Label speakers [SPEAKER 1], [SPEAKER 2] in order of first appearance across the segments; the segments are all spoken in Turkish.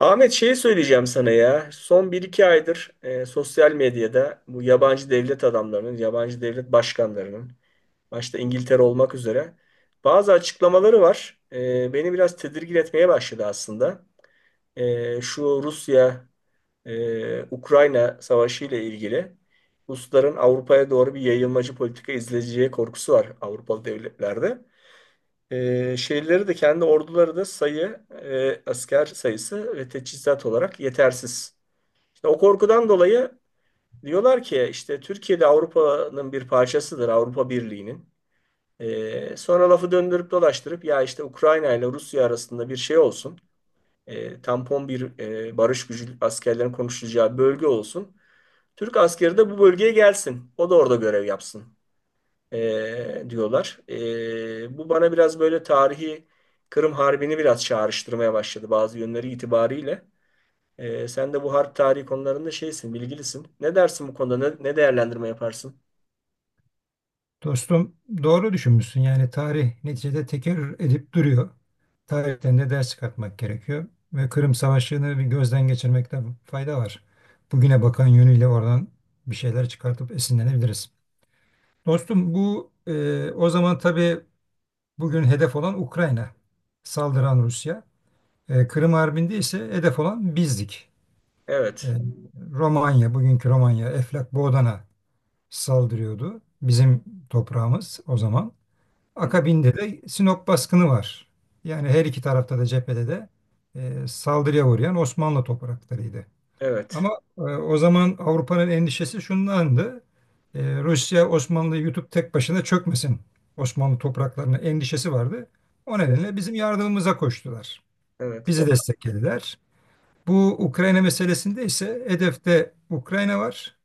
[SPEAKER 1] Ahmet şey söyleyeceğim sana ya. Son bir iki aydır sosyal medyada bu yabancı devlet adamlarının, yabancı devlet başkanlarının, başta İngiltere olmak üzere bazı açıklamaları var. Beni biraz tedirgin etmeye başladı aslında. Şu Rusya Ukrayna savaşı ile ilgili Rusların Avrupa'ya doğru bir yayılmacı politika izleyeceği korkusu var Avrupalı devletlerde. Şeyleri de kendi orduları da asker sayısı ve teçhizat olarak yetersiz. İşte o korkudan dolayı diyorlar ki işte Türkiye'de Avrupa'nın bir parçasıdır, Avrupa Birliği'nin. Sonra lafı döndürüp dolaştırıp ya işte Ukrayna ile Rusya arasında bir şey olsun, tampon bir barış gücü askerlerin konuşulacağı bölge olsun. Türk askeri de bu bölgeye gelsin, o da orada görev yapsın diyorlar. Bu bana biraz böyle tarihi Kırım Harbi'ni biraz çağrıştırmaya başladı bazı yönleri itibariyle. Sen de bu harp tarihi konularında şeysin, bilgilisin. Ne dersin bu konuda? Ne değerlendirme yaparsın?
[SPEAKER 2] Dostum doğru düşünmüşsün. Yani tarih neticede tekerrür edip duruyor. Tarihten de ders çıkartmak gerekiyor. Ve Kırım Savaşı'nı bir gözden geçirmekte fayda var. Bugüne bakan yönüyle oradan bir şeyler çıkartıp esinlenebiliriz. Dostum bu o zaman tabii bugün hedef olan Ukrayna. Saldıran Rusya. Kırım Harbi'nde ise hedef olan bizdik. E,
[SPEAKER 1] Evet.
[SPEAKER 2] Romanya, bugünkü Romanya, Eflak Boğdan'a saldırıyordu. Bizim toprağımız o zaman.
[SPEAKER 1] Hı.
[SPEAKER 2] Akabinde de Sinop baskını var. Yani her iki tarafta da cephede de saldırıya uğrayan Osmanlı topraklarıydı.
[SPEAKER 1] Evet.
[SPEAKER 2] Ama o zaman Avrupa'nın endişesi şundandı. Rusya Osmanlı'yı yutup tek başına çökmesin, Osmanlı topraklarına endişesi vardı. O
[SPEAKER 1] Evet.
[SPEAKER 2] nedenle bizim yardımımıza koştular.
[SPEAKER 1] Evet.
[SPEAKER 2] Bizi desteklediler. Bu Ukrayna meselesinde ise hedefte Ukrayna var.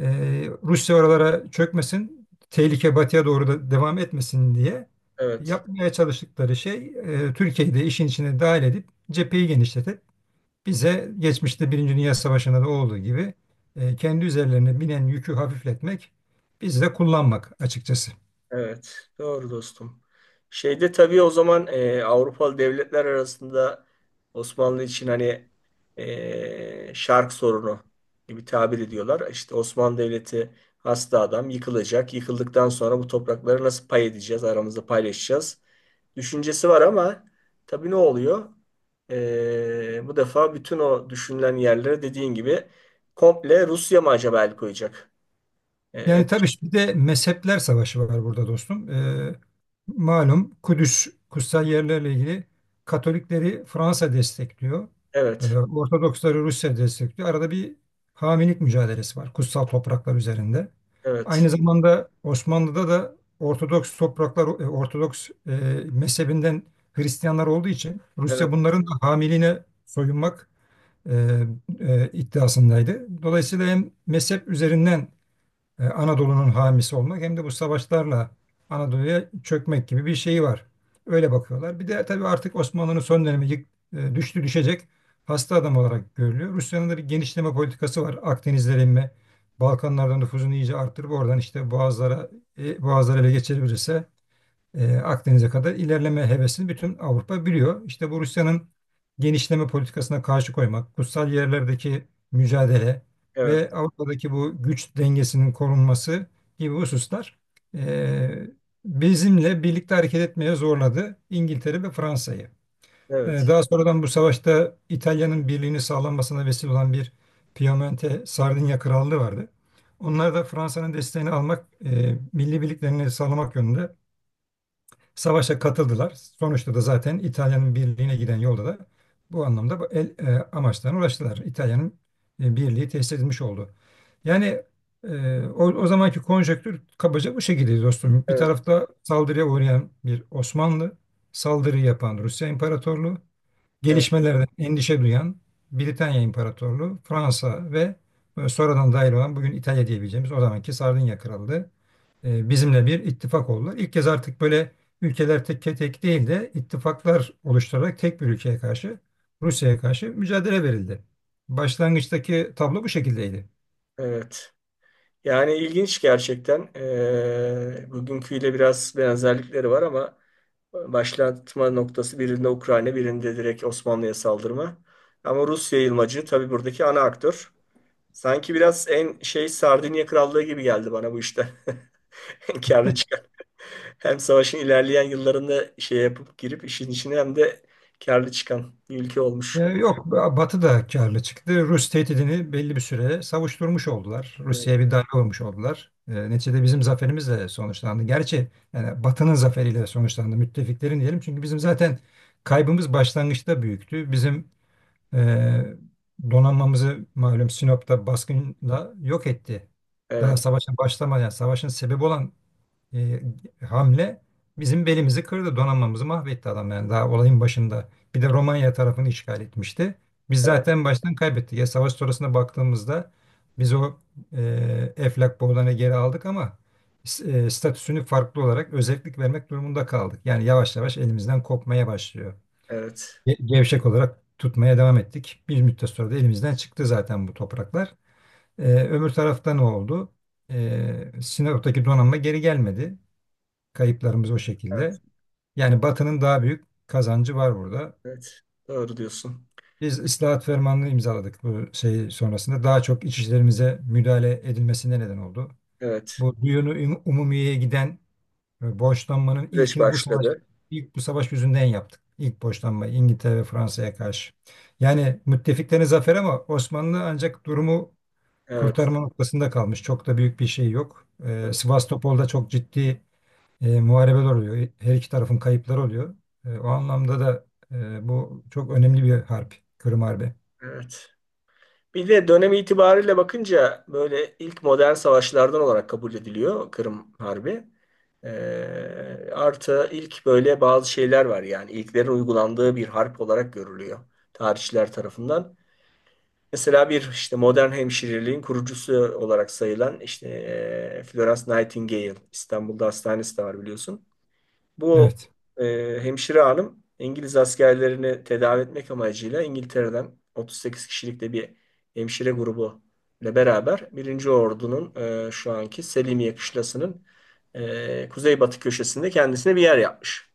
[SPEAKER 2] Rusya oralara çökmesin, tehlike batıya doğru da devam etmesin diye
[SPEAKER 1] Evet.
[SPEAKER 2] yapmaya çalıştıkları şey Türkiye'yi de işin içine dahil edip cepheyi genişletip bize, geçmişte Birinci Dünya Savaşı'nda da olduğu gibi, kendi üzerlerine binen yükü hafifletmek, biz de kullanmak açıkçası.
[SPEAKER 1] Evet, doğru dostum. Şeyde tabii o zaman Avrupalı devletler arasında Osmanlı için hani şark sorunu gibi tabir ediyorlar. İşte Osmanlı Devleti hasta adam yıkılacak. Yıkıldıktan sonra bu toprakları nasıl pay edeceğiz, aramızda paylaşacağız düşüncesi var ama tabii ne oluyor? Bu defa bütün o düşünülen yerlere dediğin gibi komple Rusya mı acaba el koyacak? E,
[SPEAKER 2] Yani tabii bir de mezhepler savaşı var burada dostum. Malum Kudüs, kutsal yerlerle ilgili Katolikleri Fransa destekliyor.
[SPEAKER 1] evet,
[SPEAKER 2] Ortodoksları Rusya destekliyor. Arada bir hamilik mücadelesi var kutsal topraklar üzerinde.
[SPEAKER 1] evet,
[SPEAKER 2] Aynı zamanda Osmanlı'da da Ortodoks topraklar, Ortodoks mezhebinden Hristiyanlar olduğu için
[SPEAKER 1] evet,
[SPEAKER 2] Rusya bunların da hamiliğine soyunmak e, iddiasındaydı. Dolayısıyla hem mezhep üzerinden Anadolu'nun hamisi olmak hem de bu savaşlarla Anadolu'ya çökmek gibi bir şeyi var. Öyle bakıyorlar. Bir de tabii artık Osmanlı'nın son dönemi düştü düşecek, hasta adam olarak görülüyor. Rusya'nın da bir genişleme politikası var. Akdenizlere inme, Balkanlardan nüfuzunu iyice arttırıp oradan işte Boğazlara, Boğazları ele geçirebilirse Akdeniz'e kadar ilerleme hevesini bütün Avrupa biliyor. İşte bu Rusya'nın genişleme politikasına karşı koymak, kutsal yerlerdeki mücadele
[SPEAKER 1] evet.
[SPEAKER 2] ve Avrupa'daki bu güç dengesinin korunması gibi hususlar, e, bizimle birlikte hareket etmeye zorladı İngiltere ve Fransa'yı.
[SPEAKER 1] Evet,
[SPEAKER 2] Daha sonradan bu savaşta İtalya'nın birliğini sağlanmasına vesile olan bir Piemonte Sardinya Krallığı vardı. Onlar da Fransa'nın desteğini almak, milli birliklerini sağlamak yönünde savaşa katıldılar. Sonuçta da zaten İtalya'nın birliğine giden yolda da bu anlamda amaçlarına ulaştılar. İtalya'nın birliği tesis edilmiş oldu. Yani o zamanki konjonktür kabaca bu şekilde dostum. Bir
[SPEAKER 1] evet,
[SPEAKER 2] tarafta saldırıya uğrayan bir Osmanlı, saldırı yapan Rusya İmparatorluğu,
[SPEAKER 1] evet.
[SPEAKER 2] gelişmelerden endişe duyan Britanya İmparatorluğu, Fransa ve sonradan dahil olan bugün İtalya diyebileceğimiz o zamanki Sardinya Krallığı bizimle bir ittifak oldular. İlk kez artık böyle ülkeler tek tek değil de ittifaklar oluşturarak tek bir ülkeye karşı, Rusya'ya karşı mücadele verildi. Başlangıçtaki tablo bu şekildeydi.
[SPEAKER 1] Evet. Yani ilginç gerçekten. Bugünküyle biraz benzerlikleri var ama başlatma noktası birinde Ukrayna, birinde direkt Osmanlı'ya saldırma. Ama Rus yayılmacı tabii buradaki ana aktör. Sanki biraz en şey Sardinya Krallığı gibi geldi bana bu işte. En karlı çıkan. Hem savaşın ilerleyen yıllarında şey yapıp girip işin içine hem de karlı çıkan bir ülke olmuş.
[SPEAKER 2] Yok, Batı da karlı çıktı. Rus tehdidini belli bir süre savuşturmuş oldular.
[SPEAKER 1] Evet,
[SPEAKER 2] Rusya'ya bir darbe vurmuş oldular. Neticede bizim zaferimizle sonuçlandı. Gerçi yani Batı'nın zaferiyle sonuçlandı. Müttefiklerin diyelim. Çünkü bizim zaten kaybımız başlangıçta büyüktü. Bizim Ee, donanmamızı malum Sinop'ta baskınla yok etti. Daha
[SPEAKER 1] evet,
[SPEAKER 2] savaşa başlamadan, yani savaşın sebebi olan e, hamle bizim belimizi kırdı, donanmamızı mahvetti adam, yani daha olayın başında. Bir de Romanya tarafını işgal etmişti. Biz zaten baştan kaybettik. Ya savaş sonrasına baktığımızda biz Eflak Boğdan'ı geri aldık ama statüsünü farklı olarak özellik vermek durumunda kaldık. Yani yavaş yavaş elimizden kopmaya başlıyor,
[SPEAKER 1] evet,
[SPEAKER 2] gevşek olarak tutmaya devam ettik. Bir müddet sonra da elimizden çıktı zaten bu topraklar. Öbür tarafta ne oldu? Sinop'taki donanma geri gelmedi. Kayıplarımız o
[SPEAKER 1] evet.
[SPEAKER 2] şekilde. Yani Batı'nın daha büyük kazancı var burada.
[SPEAKER 1] Evet. Doğru diyorsun.
[SPEAKER 2] Biz ıslahat fermanını imzaladık bu şey sonrasında. Daha çok iç işlerimize müdahale edilmesine neden oldu.
[SPEAKER 1] Evet.
[SPEAKER 2] Bu Umumiye'ye giden, borçlanmanın
[SPEAKER 1] Süreç
[SPEAKER 2] ilkini bu savaş
[SPEAKER 1] başladı.
[SPEAKER 2] ilk bu savaş yüzünden yaptık. İlk borçlanma İngiltere ve Fransa'ya karşı. Yani müttefiklerin zaferi ama Osmanlı ancak durumu
[SPEAKER 1] Evet.
[SPEAKER 2] kurtarma noktasında kalmış. Çok da büyük bir şey yok. E,
[SPEAKER 1] Evet.
[SPEAKER 2] Sivastopol'da çok ciddi muharebeler oluyor. Her iki tarafın kayıpları oluyor. O anlamda da bu çok önemli bir harp. Kırım Harbi.
[SPEAKER 1] Evet. Bir de dönem itibariyle bakınca böyle ilk modern savaşlardan olarak kabul ediliyor Kırım Harbi. Artı ilk böyle bazı şeyler var yani ilklerin uygulandığı bir harp olarak görülüyor tarihçiler tarafından. Mesela bir işte modern hemşireliğin kurucusu olarak sayılan işte Florence Nightingale İstanbul'da hastanesi de var biliyorsun. Bu
[SPEAKER 2] Evet.
[SPEAKER 1] hemşire hanım İngiliz askerlerini tedavi etmek amacıyla İngiltere'den 38 kişilik de bir hemşire grubu ile beraber Birinci Ordu'nun şu anki Selimiye kışlasının kuzeybatı köşesinde kendisine bir yer yapmış.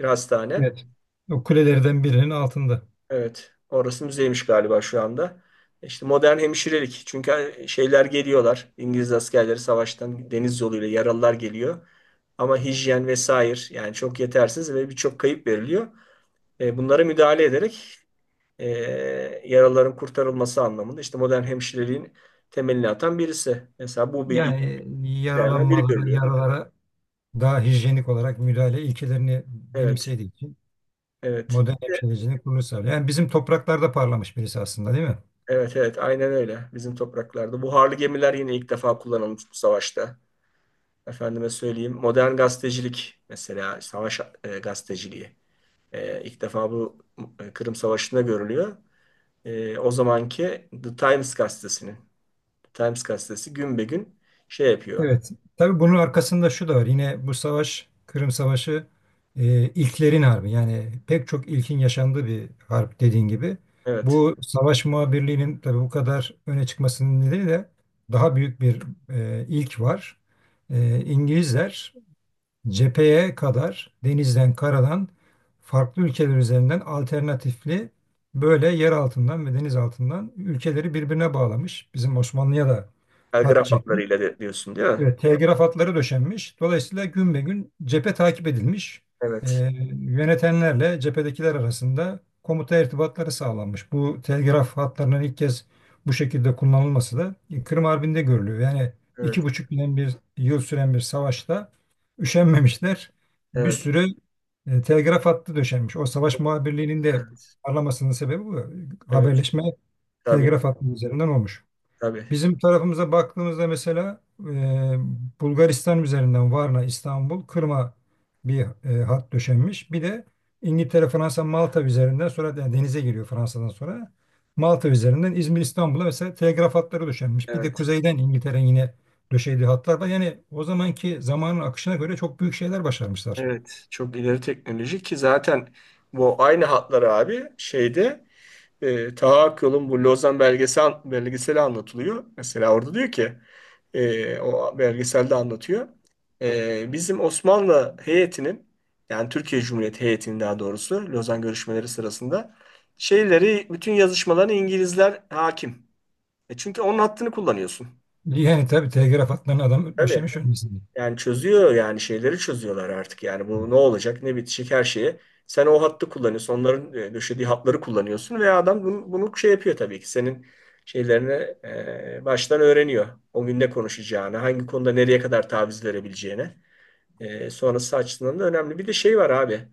[SPEAKER 1] Bir hastane.
[SPEAKER 2] Evet. O kulelerden birinin altında.
[SPEAKER 1] Evet. Orası müzeymiş galiba şu anda. İşte modern hemşirelik. Çünkü şeyler geliyorlar. İngiliz askerleri savaştan deniz yoluyla yaralılar geliyor. Ama hijyen vesaire yani çok yetersiz ve birçok kayıp veriliyor. Bunlara müdahale ederek e, yaraların kurtarılması anlamında işte modern hemşireliğin temelini atan birisi. Mesela bu bir
[SPEAKER 2] Yani
[SPEAKER 1] ilklerden biri
[SPEAKER 2] yaralanmalara,
[SPEAKER 1] görülüyor.
[SPEAKER 2] yaralara daha hijyenik olarak müdahale ilkelerini
[SPEAKER 1] Evet,
[SPEAKER 2] benimsediği için
[SPEAKER 1] evet.
[SPEAKER 2] modern hemşirecilik bunu sağlıyor. Yani bizim topraklarda parlamış birisi aslında, değil mi?
[SPEAKER 1] Evet, evet, aynen öyle. Bizim topraklarda. Buharlı gemiler yine ilk defa kullanılmış bu savaşta. Efendime söyleyeyim. Modern gazetecilik mesela savaş gazeteciliği. İlk defa bu Kırım Savaşı'nda görülüyor. O zamanki The Times gazetesinin. The Times gazetesi gün be gün şey yapıyor.
[SPEAKER 2] Evet. Tabii bunun arkasında şu da var. Yine bu savaş, Kırım Savaşı, ilklerin harbi. Yani pek çok ilkin yaşandığı bir harp dediğin gibi.
[SPEAKER 1] Evet.
[SPEAKER 2] Bu savaş muhabirliğinin tabii bu kadar öne çıkmasının nedeni de daha büyük bir ilk var. E, İngilizler cepheye kadar denizden, karadan farklı ülkeler üzerinden alternatifli, böyle yer altından ve deniz altından ülkeleri birbirine bağlamış. Bizim Osmanlı'ya da
[SPEAKER 1] Ha,
[SPEAKER 2] hat çekmiş.
[SPEAKER 1] hatlarıyla diyorsun değil mi?
[SPEAKER 2] Evet, telgraf hatları döşenmiş. Dolayısıyla gün be gün cephe takip edilmiş. Ee,
[SPEAKER 1] Evet,
[SPEAKER 2] Yönetenlerle cephedekiler arasında komuta irtibatları sağlanmış. Bu telgraf hatlarının ilk kez bu şekilde kullanılması da Kırım Harbi'nde görülüyor. Yani
[SPEAKER 1] evet,
[SPEAKER 2] 2,5 yıl, bir yıl süren bir savaşta üşenmemişler. Bir
[SPEAKER 1] evet,
[SPEAKER 2] sürü telgraf hattı döşenmiş. O savaş muhabirliğinin de
[SPEAKER 1] evet,
[SPEAKER 2] parlamasının sebebi bu.
[SPEAKER 1] evet,
[SPEAKER 2] Haberleşme
[SPEAKER 1] tabii,
[SPEAKER 2] telgraf hattı üzerinden olmuş.
[SPEAKER 1] tabii,
[SPEAKER 2] Bizim tarafımıza baktığımızda mesela Bulgaristan üzerinden Varna, İstanbul, Kırım'a bir hat döşenmiş. Bir de İngiltere, Fransa, Malta üzerinden sonra, yani denize giriyor Fransa'dan sonra. Malta üzerinden İzmir, İstanbul'a mesela telgraf hatları döşenmiş. Bir de
[SPEAKER 1] evet,
[SPEAKER 2] kuzeyden İngiltere'nin yine döşediği hatlar var. Yani o zamanki zamanın akışına göre çok büyük şeyler başarmışlar.
[SPEAKER 1] evet. Çok ileri teknoloji ki zaten bu aynı hatları abi şeyde Taha Akyol'un bu Lozan belgeseli anlatılıyor. Mesela orada diyor ki o belgeselde anlatıyor. Bizim Osmanlı heyetinin yani Türkiye Cumhuriyeti heyetinin daha doğrusu Lozan görüşmeleri sırasında şeyleri bütün yazışmalarına İngilizler hakim. Çünkü onun hattını kullanıyorsun.
[SPEAKER 2] Yani tabii telgraf hatlarını adam
[SPEAKER 1] Tabii.
[SPEAKER 2] döşemiş öncesinde.
[SPEAKER 1] Yani çözüyor yani şeyleri çözüyorlar artık. Yani bu ne olacak ne bitecek her şeye. Sen o hattı kullanıyorsun. Onların döşediği hatları kullanıyorsun ve adam bunu şey yapıyor tabii ki. Senin şeylerini baştan öğreniyor. O gün ne konuşacağını, hangi konuda nereye kadar taviz verebileceğini. Sonrası açısından da önemli. Bir de şey var abi.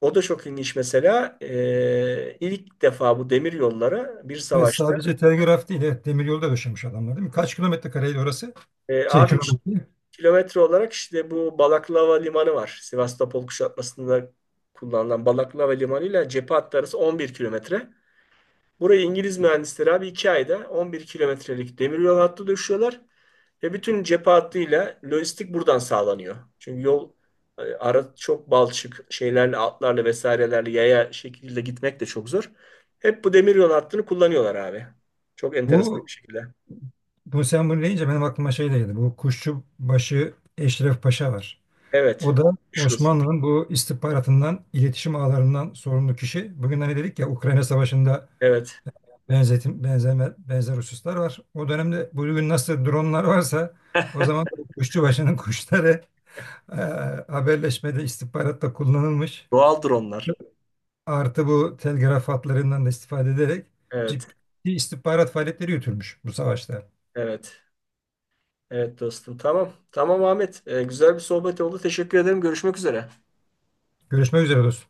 [SPEAKER 1] O da çok ilginç mesela. İlk defa bu demir yollara bir
[SPEAKER 2] Evet,
[SPEAKER 1] savaşta
[SPEAKER 2] sadece telgraf değil, evet, demir yolu da döşemiş adamlar, değil mi? Kaç kilometre kareydi orası? Şey
[SPEAKER 1] abi,
[SPEAKER 2] kilometre.
[SPEAKER 1] kilometre olarak işte bu Balaklava Limanı var. Sivastopol kuşatmasında kullanılan Balaklava Limanı ile cephe hattı arası 11 kilometre. Burayı İngiliz mühendisleri abi 2 ayda 11 kilometrelik demiryol hattı döşüyorlar. Ve bütün cephe hattıyla lojistik buradan sağlanıyor. Çünkü yol ara çok balçık şeylerle atlarla vesairelerle yaya şekilde gitmek de çok zor. Hep bu demiryol hattını kullanıyorlar abi. Çok enteresan bir
[SPEAKER 2] Bu
[SPEAKER 1] şekilde.
[SPEAKER 2] bu sen bunu deyince benim aklıma şey geldi. Bu Kuşçubaşı Eşref Paşa var.
[SPEAKER 1] Evet.
[SPEAKER 2] O da
[SPEAKER 1] Meşhur.
[SPEAKER 2] Osmanlı'nın bu istihbaratından, iletişim ağlarından sorumlu kişi. Bugün hani dedik ya, Ukrayna Savaşı'nda
[SPEAKER 1] Evet.
[SPEAKER 2] benzer hususlar var. O dönemde bugün nasıl dronlar varsa o zaman Kuşçubaşı'nın kuşları e, haberleşmede, istihbaratta kullanılmış.
[SPEAKER 1] Doğaldır onlar.
[SPEAKER 2] Artı bu telgraf hatlarından da istifade ederek ciddi
[SPEAKER 1] Evet.
[SPEAKER 2] istihbarat faaliyetleri yürütülmüş bu savaşta.
[SPEAKER 1] Evet. Evet dostum. Tamam. Tamam Ahmet. Güzel bir sohbet oldu. Teşekkür ederim. Görüşmek üzere.
[SPEAKER 2] Görüşmek üzere dostum.